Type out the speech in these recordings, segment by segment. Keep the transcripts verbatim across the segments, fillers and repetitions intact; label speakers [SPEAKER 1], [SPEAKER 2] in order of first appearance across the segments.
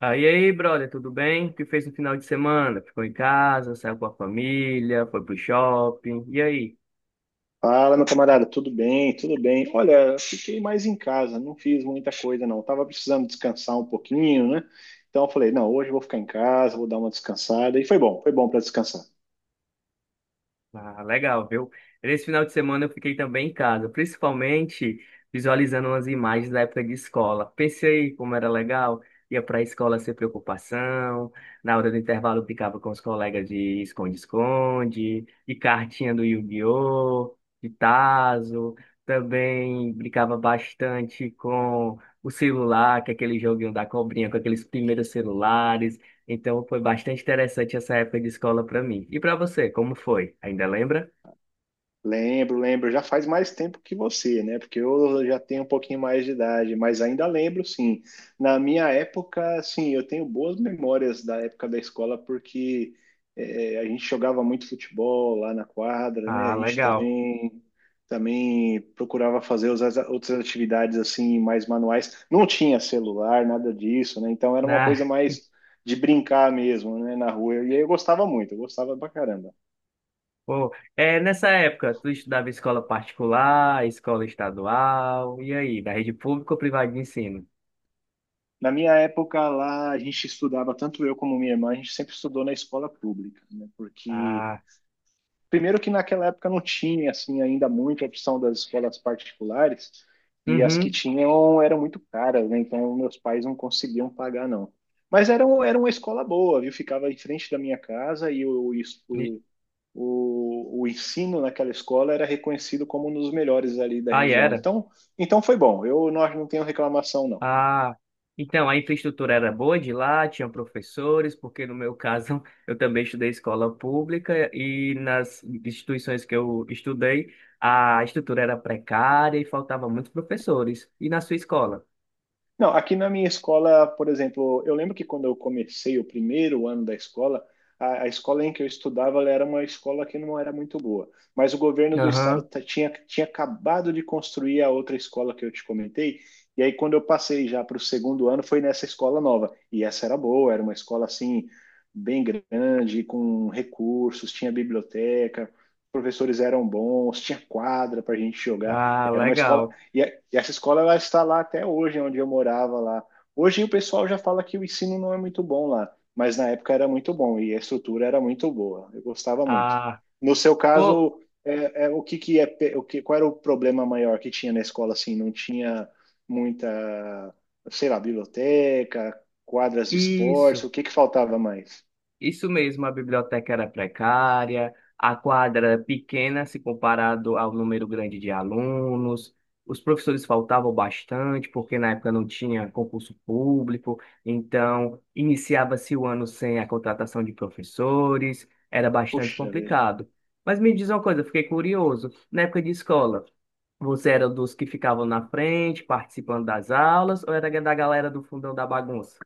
[SPEAKER 1] Ah, e aí, brother, tudo bem? O que fez no final de semana? Ficou em casa, saiu com a família, foi pro shopping. E aí?
[SPEAKER 2] Fala, meu camarada, tudo bem? Tudo bem. Olha, fiquei mais em casa, não fiz muita coisa, não. Tava precisando descansar um pouquinho, né? Então eu falei, não, hoje eu vou ficar em casa, vou dar uma descansada. E foi bom, foi bom para descansar.
[SPEAKER 1] Ah, legal, viu? Nesse final de semana eu fiquei também em casa, principalmente visualizando umas imagens da época de escola. Pensei como era legal, ia para a escola sem preocupação, na hora do intervalo eu brincava com os colegas de esconde-esconde, de cartinha do Yu-Gi-Oh!, de tazo, também brincava bastante com o celular, que é aquele joguinho da cobrinha, com aqueles primeiros celulares. Então foi bastante interessante essa época de escola para mim. E para você, como foi? Ainda lembra?
[SPEAKER 2] Lembro, lembro. Já faz mais tempo que você, né? Porque eu já tenho um pouquinho mais de idade, mas ainda lembro, sim. Na minha época, sim, eu tenho boas memórias da época da escola, porque eh, a gente jogava muito futebol lá na quadra, né? A
[SPEAKER 1] Ah,
[SPEAKER 2] gente
[SPEAKER 1] legal.
[SPEAKER 2] também, também procurava fazer outras outras atividades, assim, mais manuais. Não tinha celular, nada disso, né? Então era uma
[SPEAKER 1] Ah,
[SPEAKER 2] coisa mais de brincar mesmo, né? Na rua. E aí eu gostava muito, eu gostava pra caramba.
[SPEAKER 1] pô. É, nessa época, tu estudava em escola particular, escola estadual, e aí, da rede pública ou privada de ensino?
[SPEAKER 2] Na minha época lá, a gente estudava, tanto eu como minha irmã, a gente sempre estudou na escola pública, né? Porque,
[SPEAKER 1] Ah,
[SPEAKER 2] primeiro que naquela época não tinha, assim, ainda muita opção das escolas particulares, e as que
[SPEAKER 1] uhum.
[SPEAKER 2] tinham eram muito caras, né? Então, meus pais não conseguiam pagar, não. Mas era, um- era uma escola boa, viu? Ficava em frente da minha casa e o, isso-
[SPEAKER 1] E-
[SPEAKER 2] o, o, o ensino naquela escola era reconhecido como um dos melhores ali da
[SPEAKER 1] Aí
[SPEAKER 2] região.
[SPEAKER 1] era.
[SPEAKER 2] Então, então foi bom. Eu não, não tenho reclamação, não.
[SPEAKER 1] Ah, então a infraestrutura era boa de lá, tinha professores, porque no meu caso eu também estudei escola pública e nas instituições que eu estudei a estrutura era precária e faltava muitos professores. E na sua escola?
[SPEAKER 2] Não, aqui na minha escola, por exemplo, eu lembro que quando eu comecei o primeiro ano da escola, a, a escola em que eu estudava ela era uma escola que não era muito boa, mas o governo do estado
[SPEAKER 1] Aham.
[SPEAKER 2] ta- tinha, tinha acabado de construir a outra escola que eu te comentei, e aí quando eu passei já para o segundo ano foi nessa escola nova, e essa era boa, era uma escola assim, bem grande, com recursos, tinha biblioteca, os professores eram bons, tinha quadra para a gente jogar,
[SPEAKER 1] Ah,
[SPEAKER 2] era uma escola
[SPEAKER 1] legal.
[SPEAKER 2] e, a- e essa escola ela está lá até hoje, onde eu morava lá. Hoje o pessoal já fala que o ensino não é muito bom lá, mas na época era muito bom e a estrutura era muito boa. Eu gostava muito.
[SPEAKER 1] Ah,
[SPEAKER 2] No seu
[SPEAKER 1] pô,
[SPEAKER 2] caso, é, é, o que que é, pe- o que, qual era o problema maior que tinha na escola assim? Não tinha muita, sei lá, biblioteca, quadras de esportes,
[SPEAKER 1] isso.
[SPEAKER 2] o que que faltava mais?
[SPEAKER 1] Isso mesmo, a biblioteca era precária, a quadra era pequena se comparado ao número grande de alunos, os professores faltavam bastante, porque na época não tinha concurso público, então iniciava-se o ano sem a contratação de professores, era bastante
[SPEAKER 2] Puxa vida.
[SPEAKER 1] complicado. Mas me diz uma coisa, eu fiquei curioso, na época de escola, você era dos que ficavam na frente, participando das aulas, ou era da galera do fundão da bagunça?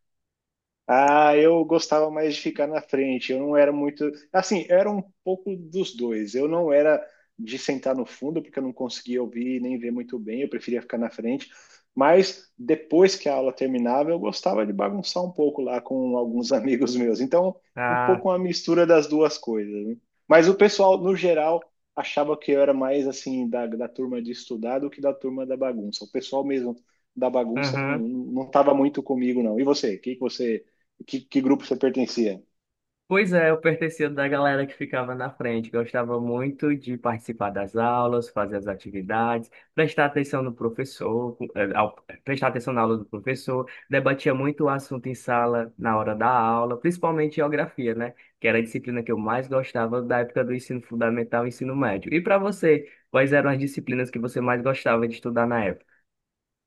[SPEAKER 2] Ah, eu gostava mais de ficar na frente. Eu não era muito. Assim, eu era um pouco dos dois. Eu não era de sentar no fundo, porque eu não conseguia ouvir nem ver muito bem. Eu preferia ficar na frente. Mas depois que a aula terminava, eu gostava de bagunçar um pouco lá com alguns amigos meus. Então, um
[SPEAKER 1] Ah,
[SPEAKER 2] pouco uma mistura das duas coisas, né? Mas o pessoal, no geral, achava que eu era mais assim da, da turma de estudar do que da turma da bagunça. O pessoal mesmo da bagunça não
[SPEAKER 1] aham.
[SPEAKER 2] não estava muito comigo, não. E você? O que que você que, que grupo você pertencia?
[SPEAKER 1] Pois é, eu pertencia da galera que ficava na frente, gostava muito de participar das aulas, fazer as atividades, prestar atenção no professor, eh, ao- prestar atenção na aula do professor, debatia muito o assunto em sala na hora da aula, principalmente geografia, né? Que era a disciplina que eu mais gostava da época do ensino fundamental e ensino médio. E para você, quais eram as disciplinas que você mais gostava de estudar na época?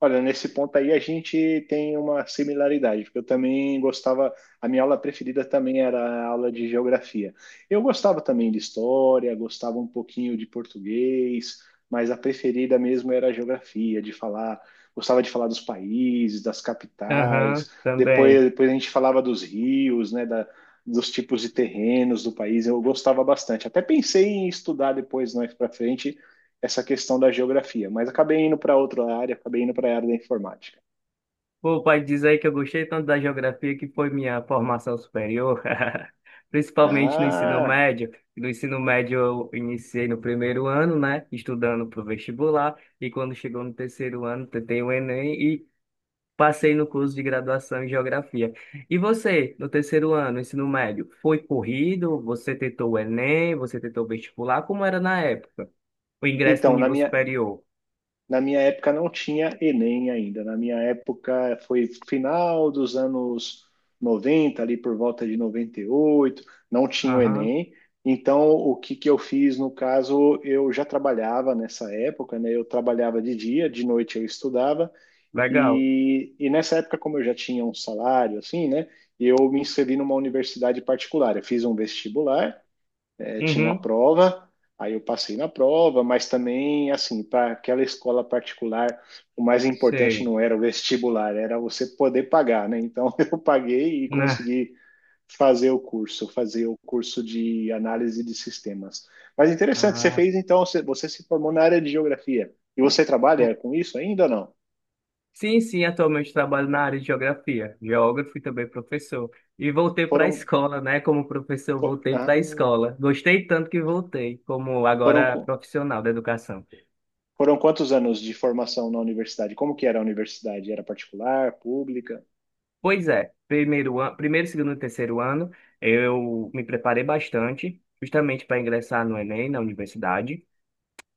[SPEAKER 2] Olha, nesse ponto aí a gente tem uma similaridade, porque eu também gostava, a minha aula preferida também era a aula de geografia. Eu gostava também de história, gostava um pouquinho de português, mas a preferida mesmo era a geografia, de falar, gostava de falar dos países, das
[SPEAKER 1] Aham,
[SPEAKER 2] capitais. Depois,
[SPEAKER 1] também.
[SPEAKER 2] depois a gente falava dos rios, né, da, dos tipos de terrenos do país. Eu gostava bastante. Até pensei em estudar depois, mais para frente, essa questão da geografia, mas acabei indo para outra área, acabei indo para a área da informática.
[SPEAKER 1] Pô, pai, diz aí que eu gostei tanto da geografia que foi minha formação superior, principalmente no ensino
[SPEAKER 2] Ah,
[SPEAKER 1] médio. No ensino médio eu iniciei no primeiro ano, né, estudando para o vestibular, e quando chegou no terceiro ano, tentei o Enem e passei no curso de graduação em geografia. E você, no terceiro ano, ensino médio, foi corrido? Você tentou o Enem? Você tentou o vestibular? Como era na época? O ingresso no
[SPEAKER 2] então, na
[SPEAKER 1] nível
[SPEAKER 2] minha,
[SPEAKER 1] superior?
[SPEAKER 2] na minha época não tinha Enem ainda. Na minha época foi final dos anos noventa ali por volta de noventa e oito, não tinha o
[SPEAKER 1] Aham,
[SPEAKER 2] Enem. Então, o que que eu fiz no caso, eu já trabalhava nessa época, né? Eu trabalhava de dia, de noite eu estudava.
[SPEAKER 1] legal.
[SPEAKER 2] E, e nessa época, como eu já tinha um salário, assim, né? Eu me inscrevi numa universidade particular. Eu fiz um vestibular, eh, tinha uma
[SPEAKER 1] Uhum,
[SPEAKER 2] prova, aí eu passei na prova, mas também, assim, para aquela escola particular, o mais importante
[SPEAKER 1] sei.
[SPEAKER 2] não era o vestibular, era você poder pagar, né? Então, eu paguei e
[SPEAKER 1] Né?
[SPEAKER 2] consegui fazer o curso, fazer o curso de análise de sistemas. Mas interessante, você
[SPEAKER 1] Ah,
[SPEAKER 2] fez, então, você, você se formou na área de geografia. E você trabalha com isso ainda ou não?
[SPEAKER 1] Sim, sim, atualmente trabalho na área de geografia, geógrafo e também professor. E voltei para a
[SPEAKER 2] Foram
[SPEAKER 1] escola, né? Como professor,
[SPEAKER 2] Fo-
[SPEAKER 1] voltei para a
[SPEAKER 2] ah,
[SPEAKER 1] escola. Gostei tanto que voltei, como
[SPEAKER 2] foram,
[SPEAKER 1] agora
[SPEAKER 2] qu-
[SPEAKER 1] profissional da educação.
[SPEAKER 2] foram quantos anos de formação na universidade? Como que era a universidade? Era particular, pública?
[SPEAKER 1] Pois é, primeiro, an- primeiro, segundo e terceiro ano, eu me preparei bastante, justamente para ingressar no Enem, na universidade.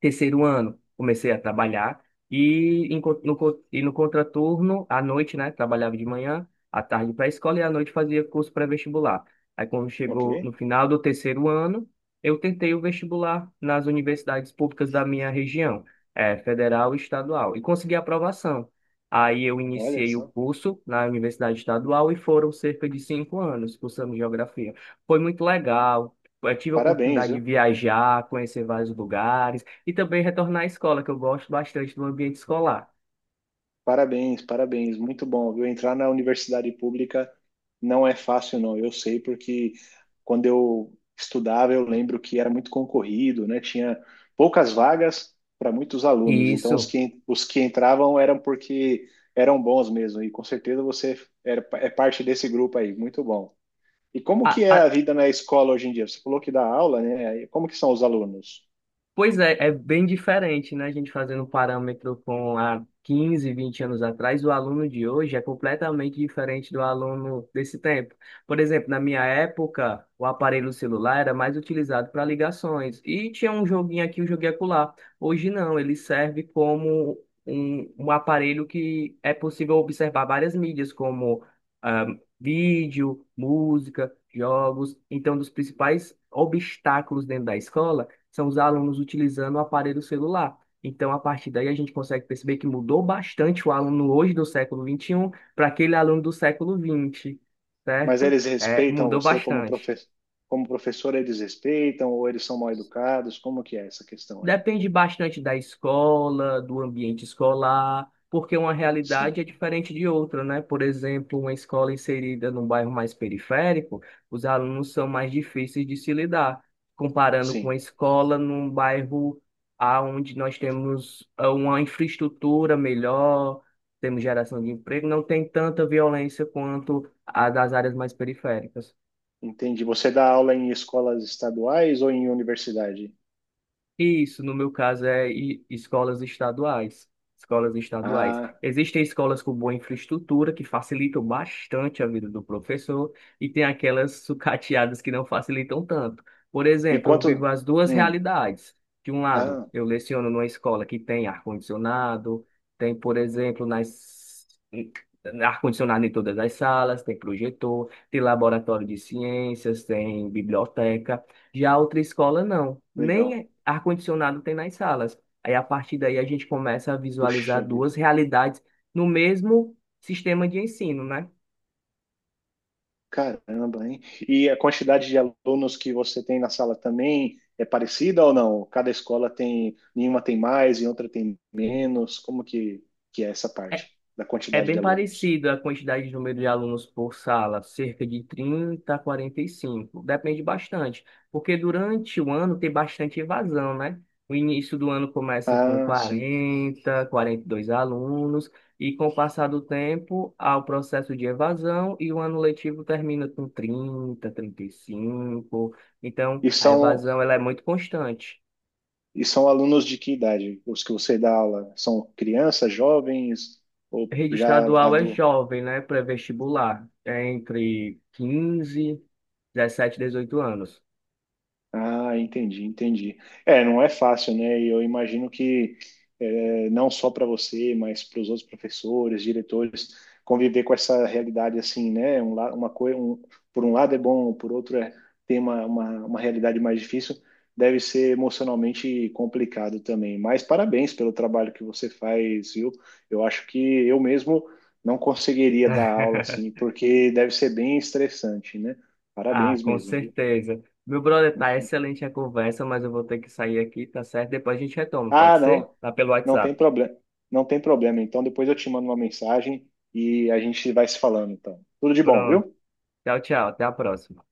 [SPEAKER 1] Terceiro ano, comecei a trabalhar e em co- no, co- e no contraturno, à noite, né? Trabalhava de manhã, à tarde para a escola e à noite fazia curso pré-vestibular. Aí, quando
[SPEAKER 2] Ok,
[SPEAKER 1] chegou no final do terceiro ano, eu tentei o vestibular nas universidades públicas da minha região, eh, federal e estadual, e consegui a aprovação. Aí, eu
[SPEAKER 2] olha
[SPEAKER 1] iniciei o
[SPEAKER 2] só.
[SPEAKER 1] curso na Universidade Estadual e foram cerca de cinco anos cursando geografia. Foi muito legal. Eu tive a
[SPEAKER 2] Parabéns,
[SPEAKER 1] oportunidade de
[SPEAKER 2] viu?
[SPEAKER 1] viajar, conhecer vários lugares e também retornar à escola, que eu gosto bastante do ambiente escolar.
[SPEAKER 2] Parabéns, parabéns. Muito bom, viu? Entrar na universidade pública não é fácil, não. Eu sei porque quando eu estudava, eu lembro que era muito concorrido, né? Tinha poucas vagas para muitos
[SPEAKER 1] E
[SPEAKER 2] alunos. Então, os
[SPEAKER 1] isso,
[SPEAKER 2] que, os que entravam eram porque eram bons mesmo. E com certeza você era, é parte desse grupo aí. Muito bom. E como
[SPEAKER 1] a-
[SPEAKER 2] que é a
[SPEAKER 1] a-
[SPEAKER 2] vida na escola hoje em dia? Você falou que dá aula, né? E como que são os alunos?
[SPEAKER 1] Pois é, é bem diferente, né? A gente fazendo um parâmetro com há quinze, vinte anos atrás, o aluno de hoje é completamente diferente do aluno desse tempo. Por exemplo, na minha época, o aparelho celular era mais utilizado para ligações e tinha um joguinho aqui, um joguinho acolá. Hoje não, ele serve como um, um aparelho que é possível observar várias mídias, como ah, vídeo, música, jogos. Então, um dos principais obstáculos dentro da escola são os alunos utilizando o aparelho celular. Então, a partir daí, a gente consegue perceber que mudou bastante o aluno hoje do século vinte e um para aquele aluno do século vinte,
[SPEAKER 2] Mas
[SPEAKER 1] certo?
[SPEAKER 2] eles
[SPEAKER 1] É,
[SPEAKER 2] respeitam
[SPEAKER 1] mudou
[SPEAKER 2] você como
[SPEAKER 1] bastante.
[SPEAKER 2] profe- como professor, eles respeitam ou eles são mal educados? Como que é essa questão aí?
[SPEAKER 1] Depende bastante da escola, do ambiente escolar, porque uma
[SPEAKER 2] Sim,
[SPEAKER 1] realidade é diferente de outra, né? Por exemplo, uma escola inserida num bairro mais periférico, os alunos são mais difíceis de se lidar, comparando com a
[SPEAKER 2] sim.
[SPEAKER 1] escola num bairro onde nós temos ah, uma infraestrutura melhor, temos geração de emprego, não tem tanta violência quanto a das áreas mais periféricas.
[SPEAKER 2] Entendi. Você dá aula em escolas estaduais ou em universidade?
[SPEAKER 1] Isso, no meu caso, é i- escolas estaduais. Escolas estaduais.
[SPEAKER 2] Ah,
[SPEAKER 1] Existem escolas com boa infraestrutura que facilitam bastante a vida do professor e tem aquelas sucateadas que não facilitam tanto. Por
[SPEAKER 2] e
[SPEAKER 1] exemplo, eu vivo
[SPEAKER 2] quanto?
[SPEAKER 1] as duas
[SPEAKER 2] Hum,
[SPEAKER 1] realidades. De um lado,
[SPEAKER 2] ah,
[SPEAKER 1] eu leciono numa escola que tem ar-condicionado, tem, por exemplo, nas ar-condicionado em todas as salas, tem projetor, tem laboratório de ciências, tem biblioteca. Já outra escola, não.
[SPEAKER 2] legal.
[SPEAKER 1] Nem ar-condicionado tem nas salas. Aí, a partir daí, a gente começa a
[SPEAKER 2] Puxa
[SPEAKER 1] visualizar duas
[SPEAKER 2] vida.
[SPEAKER 1] realidades no mesmo sistema de ensino, né?
[SPEAKER 2] Caramba, hein? E a quantidade de alunos que você tem na sala também é parecida ou não? Cada escola tem, nenhuma tem mais e outra tem menos. Como que, que é essa parte da
[SPEAKER 1] É
[SPEAKER 2] quantidade
[SPEAKER 1] bem
[SPEAKER 2] de alunos?
[SPEAKER 1] parecido a quantidade de número de alunos por sala, cerca de trinta a quarenta e cinco. Depende bastante, porque durante o ano tem bastante evasão, né? O início do ano começa com
[SPEAKER 2] Ah, sim.
[SPEAKER 1] quarenta, quarenta e dois alunos, e com o passar do tempo há o processo de evasão e o ano letivo termina com trinta, trinta e cinco. Então,
[SPEAKER 2] E
[SPEAKER 1] a
[SPEAKER 2] são,
[SPEAKER 1] evasão ela é muito constante.
[SPEAKER 2] e são alunos de que idade? Os que você dá aula são crianças, jovens ou
[SPEAKER 1] Rede
[SPEAKER 2] já...
[SPEAKER 1] estadual é jovem, né? Pré-vestibular. É entre quinze, dezessete, dezoito anos.
[SPEAKER 2] Ah, entendi, entendi. É, não é fácil, né? E eu imagino que é, não só para você, mas para os outros professores, diretores, conviver com essa realidade assim, né? Um, la- uma coisa, um, por um lado é bom, por outro é tem uma, uma, uma realidade mais difícil, deve ser emocionalmente complicado também. Mas parabéns pelo trabalho que você faz, viu? Eu acho que eu mesmo não conseguiria dar aula assim, porque deve ser bem estressante, né?
[SPEAKER 1] Ah,
[SPEAKER 2] Parabéns
[SPEAKER 1] com
[SPEAKER 2] mesmo, viu?
[SPEAKER 1] certeza. Meu brother, tá excelente a conversa, mas eu vou ter que sair aqui, tá certo? Depois a gente retoma, pode
[SPEAKER 2] Ah,
[SPEAKER 1] ser?
[SPEAKER 2] não.
[SPEAKER 1] Tá pelo
[SPEAKER 2] Não tem
[SPEAKER 1] WhatsApp.
[SPEAKER 2] problema. Não tem problema. Então depois eu te mando uma mensagem e a gente vai se falando, então. Tudo de bom,
[SPEAKER 1] Pronto.
[SPEAKER 2] viu?
[SPEAKER 1] Tchau, tchau. Até a próxima.